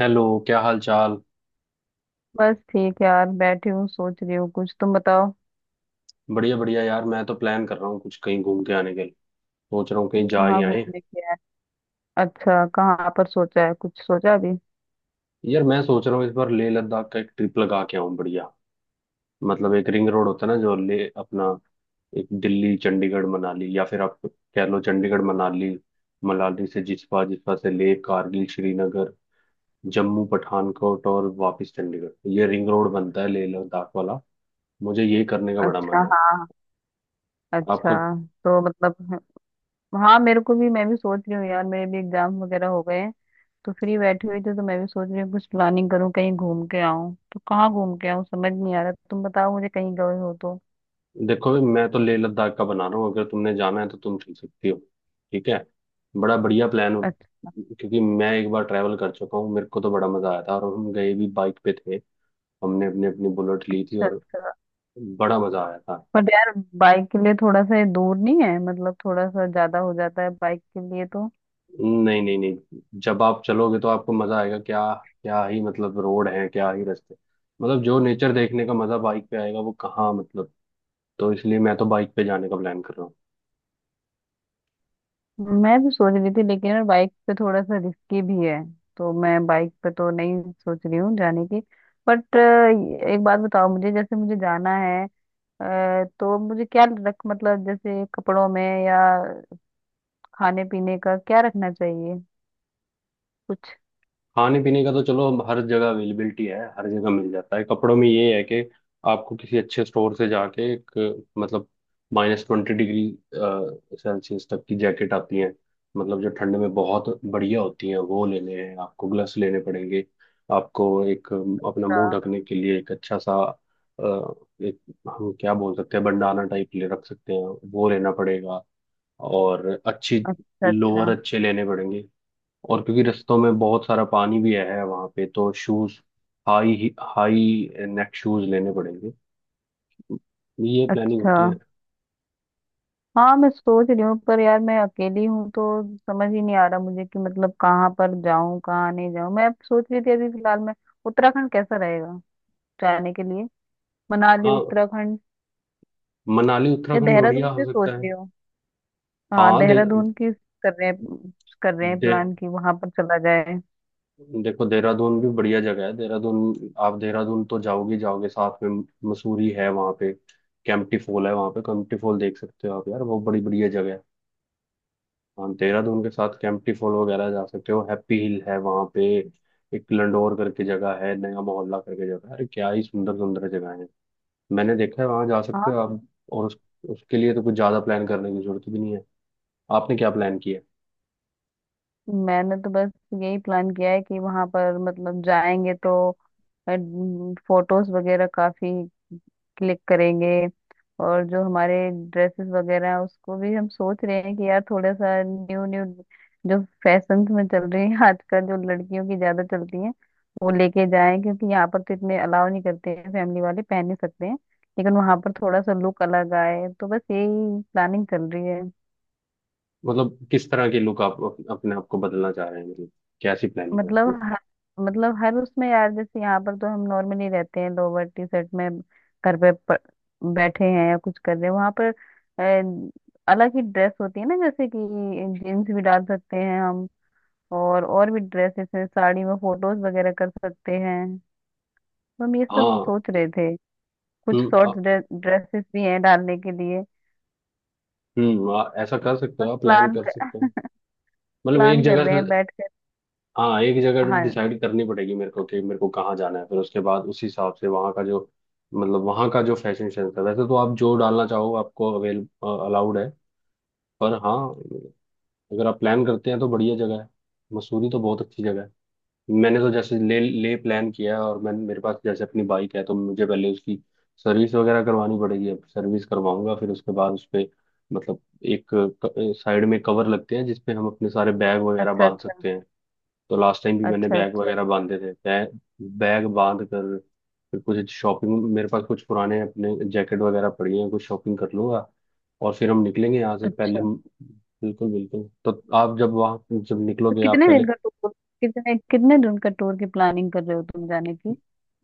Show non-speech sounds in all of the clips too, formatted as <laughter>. Hello, क्या हाल चाल। बस ठीक है यार। बैठी हूँ, सोच रही हूँ कुछ। तुम बताओ। बढ़िया बढ़िया। यार, मैं तो प्लान कर रहा हूँ कुछ कहीं घूम के आने के लिए। सोच रहा हूँ कहीं जा ही कहाँ आए। घूमने की है? अच्छा, कहाँ पर सोचा है? कुछ सोचा अभी? यार, मैं सोच रहा हूँ इस बार लेह लद्दाख का एक ट्रिप लगा के आऊँ। बढ़िया मतलब एक रिंग रोड होता है ना जो ले अपना, एक दिल्ली चंडीगढ़ मनाली, या फिर आप कह लो चंडीगढ़ मनाली, मनाली से जिस्पा, जिस्पा से लेह, कारगिल, श्रीनगर, जम्मू, पठानकोट, और वापस चंडीगढ़। ये रिंग रोड बनता है लेह लद्दाख वाला। मुझे ये करने का बड़ा अच्छा। मन है। हाँ। अच्छा। आपका? तो मतलब, हाँ मेरे को भी, मैं भी सोच रही हूँ यार। मेरे भी एग्जाम वगैरह हो गए हैं। तो फ्री बैठी हुई थी, तो मैं भी सोच रही हूँ कुछ प्लानिंग करूँ, कहीं घूम के आऊँ। तो कहाँ घूम के आऊँ समझ नहीं आ रहा। तुम बताओ मुझे, कहीं गए हो तो। देखो भाई, मैं तो लेह लद्दाख का बना रहा हूँ। अगर तुमने जाना है तो तुम चल सकती हो। ठीक है, बड़ा बढ़िया प्लान हो। अच्छा, क्योंकि मैं एक बार ट्रैवल कर चुका हूँ, मेरे को तो बड़ा मजा आया था। और हम गए भी बाइक पे थे, हमने अपनी अपनी बुलेट ली थी, और अच्छा। बड़ा मजा आया था। पर यार बाइक के लिए थोड़ा सा ये दूर नहीं है? मतलब थोड़ा सा ज्यादा हो जाता है बाइक के लिए, तो नहीं नहीं नहीं, जब आप चलोगे तो आपको मजा आएगा। क्या क्या ही मतलब रोड है, क्या ही रास्ते, मतलब जो नेचर देखने का मजा बाइक पे आएगा वो कहाँ, मतलब। तो इसलिए मैं तो बाइक पे जाने का प्लान कर रहा हूँ। मैं भी सोच रही थी। लेकिन यार बाइक पे थोड़ा सा रिस्की भी है, तो मैं बाइक पे तो नहीं सोच रही हूँ जाने की। बट एक बात बताओ मुझे, जैसे मुझे जाना है। तो मुझे क्या रख, मतलब जैसे कपड़ों में या खाने पीने का क्या रखना चाहिए कुछ? खाने पीने का तो चलो, अब हर जगह अवेलेबिलिटी है, हर जगह मिल जाता है। कपड़ों में ये है कि आपको किसी अच्छे स्टोर से जाके एक, मतलब माइनस ट्वेंटी डिग्री सेल्सियस तक की जैकेट आती है, मतलब जो ठंड में बहुत बढ़िया होती है, वो लेने हैं। आपको ग्लव्स लेने पड़ेंगे। आपको एक अपना अच्छा। मुंह ढकने के लिए एक अच्छा सा एक, हम क्या बोल सकते हैं, बंडाना टाइप ले रख सकते हैं, वो लेना पड़ेगा। और अच्छी अच्छा। लोअर अच्छा, अच्छे लेने पड़ेंगे। और क्योंकि रस्तों में बहुत सारा पानी भी है वहां पे, तो shoes, high high neck shoes लेने पड़ेंगे। ये प्लानिंग अच्छा। होती है। हाँ, मैं सोच रही हूँ पर यार मैं अकेली हूँ, तो समझ ही नहीं आ रहा मुझे कि मतलब कहाँ पर जाऊँ, कहाँ नहीं जाऊँ। मैं अब सोच रही थी, अभी फिलहाल मैं उत्तराखंड कैसा रहेगा जाने के लिए? मनाली, हाँ, उत्तराखंड मनाली या उत्तराखंड देहरादून बढ़िया हो भी सोच सकता है। रही हूँ। हाँ, हाँ, देहरादून की कर रहे हैं कर रहे हैं दे, प्लान, कि वहां पर चला जाए। देखो, देहरादून भी बढ़िया जगह है। देहरादून आप, देहरादून तो जाओगे, जाओगे साथ में मसूरी है वहाँ पे, कैंपटी फॉल है वहाँ पे। कैंपटी फॉल देख सकते हो आप, यार वो बड़ी बढ़िया जगह है। हाँ, देहरादून के साथ कैंपटी फॉल वगैरह जा सकते हो। हैप्पी हिल है वहाँ पे, एक लंडोर करके जगह है, नया मोहल्ला करके जगह है। अरे क्या ही सुंदर सुंदर जगह है, मैंने देखा है, वहाँ जा सकते हाँ। हो आप। और उसके लिए तो कुछ ज़्यादा प्लान करने की जरूरत भी नहीं है। आपने क्या प्लान किया है? मैंने तो बस यही प्लान किया है कि वहां पर मतलब जाएंगे तो फोटोज वगैरह काफी क्लिक करेंगे। और जो हमारे ड्रेसेस वगैरह हैं, उसको भी हम सोच रहे हैं कि यार थोड़ा सा न्यू न्यू, जो फैशन में चल रही है आजकल, जो लड़कियों की ज्यादा चलती हैं, वो लेके जाएं। क्योंकि यहाँ पर तो इतने अलाउ नहीं करते हैं, फैमिली वाले पहन नहीं सकते हैं, लेकिन वहां पर थोड़ा सा लुक अलग आए। तो बस यही प्लानिंग चल रही है। मतलब किस तरह की लुक आप, अपने आप को बदलना चाह रहे हैं, मतलब कैसी प्लानिंग है मतलब उसमें। हर मतलब हर उसमें यार, जैसे यहाँ पर तो हम नॉर्मली रहते हैं लोअर टी शर्ट में। घर पे बैठे हैं या कुछ कर रहे हैं। वहां पर अलग ही ड्रेस होती है ना, जैसे कि जीन्स भी डाल सकते हैं हम। और भी ड्रेसेस हैं, साड़ी में फोटोज वगैरह कर सकते हैं। तो हम ये सब हाँ। सोच रहे थे। कुछ हम्म शॉर्ट आ- ड्रेसेस भी हैं डालने के लिए। ऐसा कर सकते बस हो आप, प्लान प्लान कर सकते हो। मतलब एक प्लान कर जगह रहे हैं से, बैठ कर। हाँ, एक जगह हाँ। डिसाइड करनी पड़ेगी मेरे को कि मेरे को कहाँ जाना है। फिर उसके बाद उस हिसाब से वहाँ का जो, मतलब वहाँ का जो फैशन सेंस है। वैसे तो आप जो डालना चाहो आपको अवेल अलाउड है। पर हाँ, अगर आप प्लान करते हैं तो बढ़िया जगह है। मसूरी तो बहुत अच्छी जगह है। मैंने तो जैसे ले ले प्लान किया है, और मैं, मेरे पास जैसे अपनी बाइक है, तो मुझे पहले उसकी सर्विस वगैरह करवानी पड़ेगी। अब सर्विस करवाऊंगा, फिर उसके बाद उस पे, मतलब एक साइड में कवर लगते हैं जिसपे हम अपने सारे बैग वगैरह अच्छा। बांध अच्छा। सकते हैं। तो लास्ट टाइम भी मैंने अच्छा, बैग वगैरह बांधे थे, बैग बैग बांध कर, फिर कुछ शॉपिंग, मेरे पास कुछ पुराने अपने जैकेट वगैरह पड़ी हैं, कुछ शॉपिंग कर लूंगा। और फिर हम निकलेंगे यहाँ से पहले। अच्छा। बिल्कुल बिल्कुल, तो आप जब वहाँ जब तो निकलोगे आप पहले। कितने कितने दिन का टूर की प्लानिंग कर रहे हो तुम जाने की?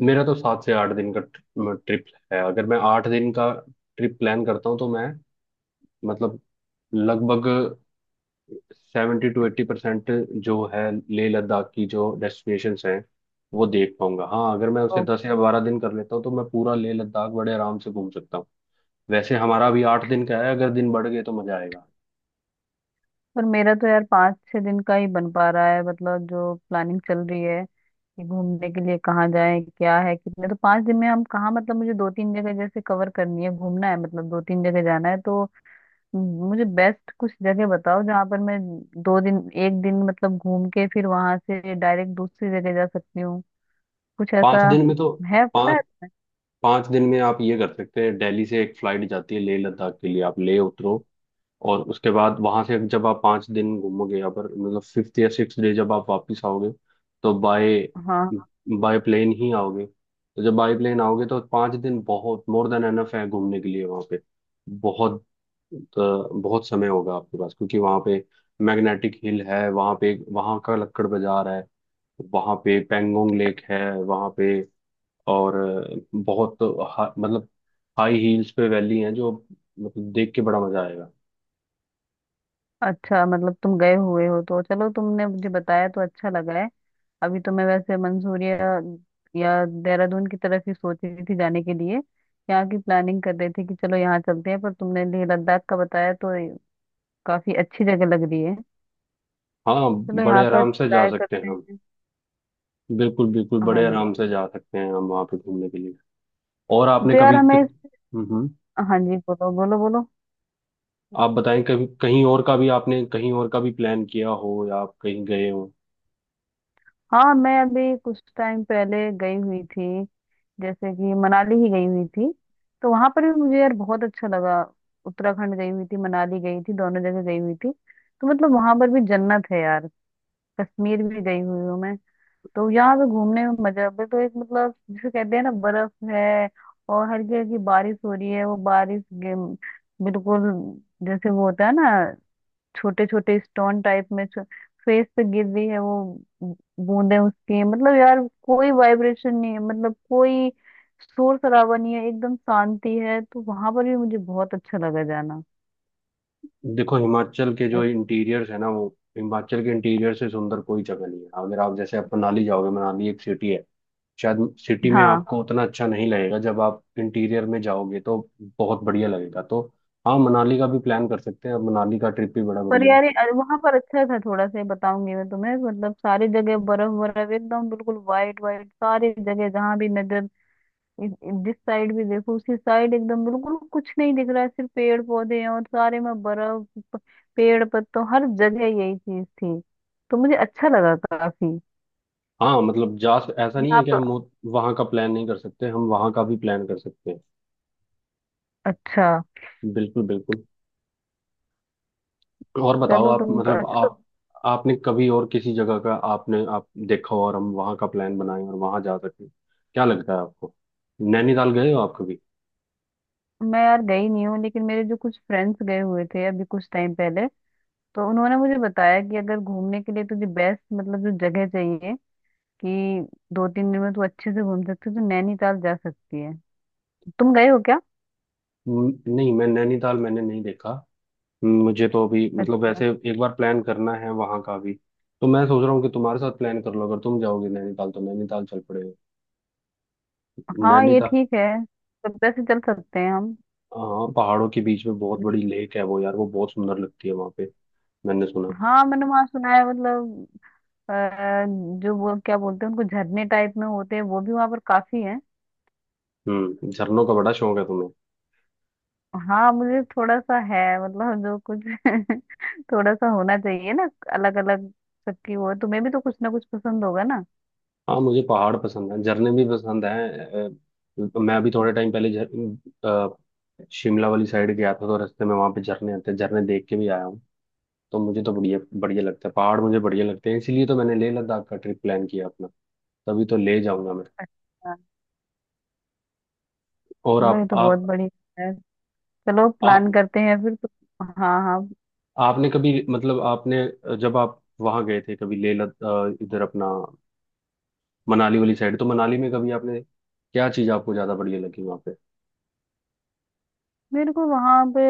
मेरा तो 7 से 8 दिन का ट्रिप है। अगर मैं 8 दिन का ट्रिप प्लान करता हूँ तो मैं, मतलब, लगभग 70 से 80% जो है लेह लद्दाख की जो डेस्टिनेशंस हैं वो देख पाऊंगा। हाँ, अगर मैं उसे ओ। 10 या 12 दिन कर लेता हूँ तो मैं पूरा लेह लद्दाख बड़े आराम से घूम सकता हूँ। वैसे हमारा अभी 8 दिन का है, अगर दिन बढ़ गए तो मजा आएगा। पर मेरा तो यार पाँच छह दिन का ही बन पा रहा है। मतलब जो प्लानिंग चल रही है कि घूमने के लिए कहाँ जाए, क्या है कितने। तो पाँच दिन में हम कहाँ, मतलब मुझे दो तीन जगह जैसे कवर करनी है, घूमना है, मतलब दो तीन जगह जाना है। तो मुझे बेस्ट कुछ जगह बताओ जहाँ पर मैं दो दिन, एक दिन मतलब घूम के फिर वहां से डायरेक्ट दूसरी जगह जा सकती हूँ, कुछ पाँच ऐसा दिन में तो, है पता पाँच है? पाँच दिन में आप ये कर सकते हैं। दिल्ली से एक फ्लाइट जाती है लेह लद्दाख के लिए, आप लेह उतरो। और उसके बाद वहां से जब आप 5 दिन घूमोगे, अगर, मतलब, फिफ्थ या सिक्स डे जब आप वापस आओगे तो बाय हाँ। बाय प्लेन ही आओगे। तो जब बाय प्लेन आओगे तो पाँच दिन बहुत मोर देन एनफ है घूमने के लिए वहाँ पे। बहुत, तो बहुत समय होगा आपके पास। क्योंकि वहाँ पे मैग्नेटिक हिल है वहाँ पे, वहाँ का लक्कड़ बाजार है, वहाँ पे पेंगोंग लेक है वहाँ पे, और बहुत मतलब हाई हील्स पे वैली है जो, मतलब देख के बड़ा मजा आएगा। अच्छा, मतलब तुम गए हुए हो तो चलो, तुमने मुझे बताया तो अच्छा लगा है। अभी तो मैं वैसे मंसूरिया या देहरादून की तरफ ही सोच रही थी जाने के लिए, यहाँ की प्लानिंग कर रहे थे कि चलो यहाँ चलते हैं। पर तुमने लेह लद्दाख का बताया तो काफी अच्छी जगह लग रही है, हाँ, चलो बड़े यहाँ का आराम से जा ट्राई सकते हैं करते हम। हैं। बिल्कुल बिल्कुल, हाँ बड़े आराम जी। से जा सकते हैं हम वहाँ पे घूमने के लिए। और आपने तो यार कभी, हमें, हाँ जी, बोलो बोलो बोलो। आप बताएं कभी कहीं और का भी, आपने कहीं और का भी प्लान किया हो या आप कहीं गए हो? हाँ, मैं अभी कुछ टाइम पहले गई हुई थी, जैसे कि मनाली ही गई हुई थी। तो वहां पर भी मुझे यार बहुत अच्छा लगा। उत्तराखंड गई हुई थी, मनाली गई थी, दोनों जगह गई हुई थी। तो मतलब वहां पर भी जन्नत है यार। कश्मीर भी गई हुई हूँ मैं। तो यहाँ पे घूमने में मजा भी, तो एक मतलब जिसे कहते हैं ना, बर्फ है और हल्की हल्की बारिश हो रही है। वो बारिश बिल्कुल जैसे वो होता है ना, छोटे छोटे स्टोन टाइप में फेस पे गिर रही है वो बूंदे उसकी। मतलब यार कोई वाइब्रेशन नहीं है, मतलब कोई शोर शराबा नहीं है, एकदम शांति है। तो वहां पर भी मुझे बहुत अच्छा लगा जाना। देखो, हिमाचल के जो बस। इंटीरियर्स है ना वो, हिमाचल के इंटीरियर से सुंदर कोई जगह नहीं है। अगर आप जैसे आप मनाली जाओगे, मनाली एक सिटी है, शायद सिटी में हाँ, आपको उतना अच्छा नहीं लगेगा। जब आप इंटीरियर में जाओगे तो बहुत बढ़िया लगेगा। तो हाँ, मनाली का भी प्लान कर सकते हैं। अब मनाली का ट्रिप भी बड़ा पर बढ़िया है। यार वहां पर अच्छा था, थोड़ा सा ये बताऊंगी मैं तुम्हें। मतलब सारी जगह बर्फ बर्फ, एकदम बिल्कुल वाइट वाइट सारी जगह, जहां भी नजर, जिस साइड भी देखो उसी साइड एकदम बिल्कुल कुछ नहीं दिख रहा है, सिर्फ पेड़ पौधे हैं और सारे में बर्फ। प- पेड़ पत्तों, हर जगह यही चीज थी। तो मुझे अच्छा लगा काफी। हाँ, मतलब जा, ऐसा भी नहीं है कि आप। हम वहां का प्लान नहीं कर सकते, हम वहां का भी प्लान कर सकते हैं। अच्छा, बिल्कुल बिल्कुल। और बताओ चलो आप, तुम मतलब अच्छा, तो आप आपने कभी और किसी जगह का, आपने आप देखा हो और हम वहां का प्लान बनाएं और वहां जा सकें? क्या लगता है आपको? नैनीताल गए हो आप कभी? मैं यार गई नहीं हूँ, लेकिन मेरे जो कुछ फ्रेंड्स गए हुए थे अभी कुछ टाइम पहले, तो उन्होंने मुझे बताया कि अगर घूमने के लिए तुझे बेस्ट मतलब जो जगह चाहिए कि दो तीन दिन में तू अच्छे से घूम सकती है, तो नैनीताल जा सकती है। तुम गए हो क्या? नहीं, मैं नैनीताल मैंने नहीं देखा। मुझे तो अभी, मतलब, अच्छा। वैसे एक बार प्लान करना है वहां का भी। तो मैं सोच रहा हूँ कि तुम्हारे साथ प्लान कर लो, अगर तुम जाओगे नैनीताल तो नैनीताल चल पड़ेगा। हाँ, ये नैनीताल, ठीक है। सभ्यता से चल सकते हैं हम। हाँ, पहाड़ों के बीच में बहुत बड़ी लेक है वो, यार वो बहुत सुंदर लगती है वहां पे, मैंने सुना है। हाँ, मैंने वहाँ सुना है, मतलब अ, जो वो क्या बोलते हैं उनको, झरने टाइप में होते हैं, वो भी वहां पर काफी है। हम्म, झरनों का बड़ा शौक है तुम्हें। हाँ, मुझे थोड़ा सा है, मतलब जो कुछ <laughs> थोड़ा सा होना चाहिए ना, अलग अलग सबकी वो है। तुम्हें भी तो कुछ ना कुछ पसंद होगा ना? हाँ, मुझे पहाड़ पसंद है, झरने भी पसंद है। मैं अभी थोड़े टाइम पहले शिमला वाली साइड गया था, तो रास्ते में वहां पे झरने आते हैं, झरने देख के भी आया हूँ। तो मुझे तो बढ़िया बढ़िया लगता है, पहाड़ मुझे बढ़िया लगते हैं। इसीलिए तो मैंने लेह लद्दाख का ट्रिप प्लान किया अपना, तभी तो ले जाऊंगा मैं। अच्छा। और चलो, ये तो बहुत बढ़िया है। चलो प्लान आप करते हैं फिर तो। हाँ, हाँ। आपने कभी, मतलब, आपने जब आप वहां गए थे कभी, इधर अपना मनाली वाली साइड, तो मनाली में कभी आपने क्या चीज आपको ज्यादा बढ़िया लगी वहां पे? मेरे को वहां पे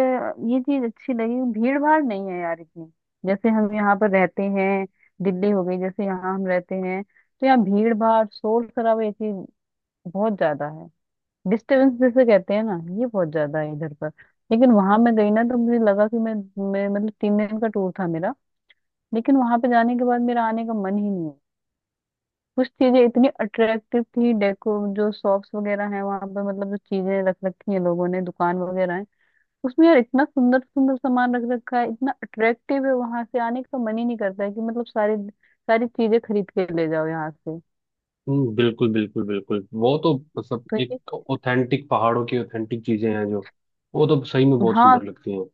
ये चीज अच्छी लगी, भीड़ भाड़ नहीं है यार इतनी। जैसे हम यहाँ पर रहते हैं, दिल्ली हो गई, जैसे यहाँ हम रहते हैं, तो यहाँ भीड़ भाड़, शोर शराबा, ये चीज बहुत ज्यादा है। डिस्टरबेंस जैसे कहते हैं ना, ये बहुत ज्यादा है इधर पर। लेकिन वहां मैं गई ना तो मुझे लगा कि मैं मतलब 3 दिन का टूर था मेरा, लेकिन वहां पे जाने के बाद मेरा आने का मन ही नहीं है। कुछ चीजें इतनी अट्रैक्टिव थी डेको, जो शॉप्स वगैरह हैं वहां पर, मतलब जो चीजें रख रखी हैं लोगों ने, दुकान वगैरह हैं उसमें यार, इतना सुंदर सुंदर सामान रख रखा है, इतना अट्रैक्टिव है, वहां से आने का मन ही नहीं करता है कि मतलब सारी सारी चीजें खरीद के ले जाओ यहाँ से। हम्म, बिल्कुल बिल्कुल बिल्कुल, वो तो मतलब तो ये एक ऑथेंटिक पहाड़ों की ऑथेंटिक चीजें हैं जो, वो तो सही में बहुत हाँ, सुंदर लगती हैं।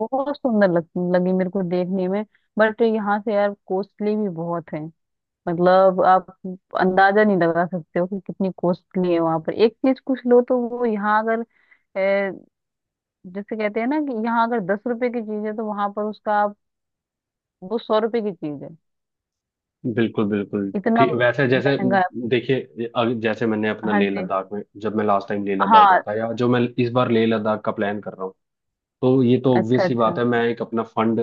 बहुत सुंदर लगी मेरे को देखने में। बट यहाँ से यार कॉस्टली भी बहुत है। मतलब आप अंदाजा नहीं लगा सकते हो कि कितनी कॉस्टली है। वहां पर एक चीज कुछ लो तो वो, यहाँ अगर अ, जैसे कहते हैं ना कि यहाँ अगर 10 रुपए की चीज है तो वहां पर उसका वो 100 रुपए की चीज है, बिल्कुल बिल्कुल, इतना ठीक वैसे जैसे महंगा है। देखिए ये जैसे मैंने अपना हाँ लेह जी। लद्दाख में, जब मैं लास्ट टाइम लेह लद्दाख हाँ। गया था, या जो मैं इस बार लेह लद्दाख का प्लान कर रहा हूँ, तो ये तो अच्छा, ऑब्वियस ही अच्छा। बात है, मैं एक अपना फंड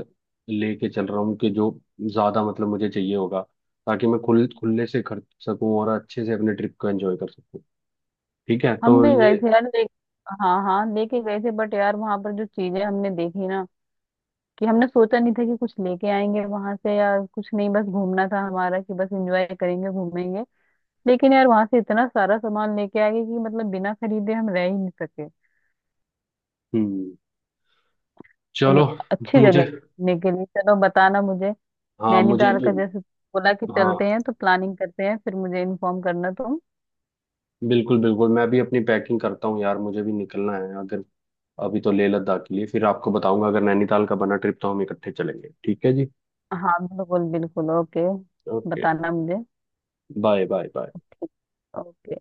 लेके चल रहा हूँ कि जो ज्यादा, मतलब, मुझे चाहिए होगा, ताकि मैं खुल खुले से खर्च सकूं और अच्छे से अपने ट्रिप को एंजॉय कर सकूं। ठीक है, हम तो भी गए ये। थे यार ले, हाँ हाँ लेके गए थे। बट यार वहां पर जो चीजें हमने देखी ना, कि हमने सोचा नहीं था कि कुछ लेके आएंगे वहां से यार। कुछ नहीं, बस घूमना था हमारा, कि बस एंजॉय करेंगे, घूमेंगे। लेकिन यार वहां से इतना सारा सामान लेके आ गए कि मतलब बिना खरीदे हम रह ही नहीं सके। हम्म, तो चलो अच्छी जगह मुझे, है घूमने के लिए, चलो बताना मुझे। हाँ मुझे नैनीताल भी। का जैसे बोला कि चलते हाँ, हैं, तो प्लानिंग करते हैं फिर, मुझे इन्फॉर्म करना तुम। बिल्कुल बिल्कुल, मैं भी अपनी पैकिंग करता हूँ यार, मुझे भी निकलना है। अगर अभी तो लेह लद्दाख के लिए, फिर आपको बताऊंगा। अगर नैनीताल का बना ट्रिप तो हम इकट्ठे चलेंगे। ठीक है जी? हाँ, बिल्कुल बिल्कुल, ओके। ओके, बताना मुझे। Bye bye bye. ओके।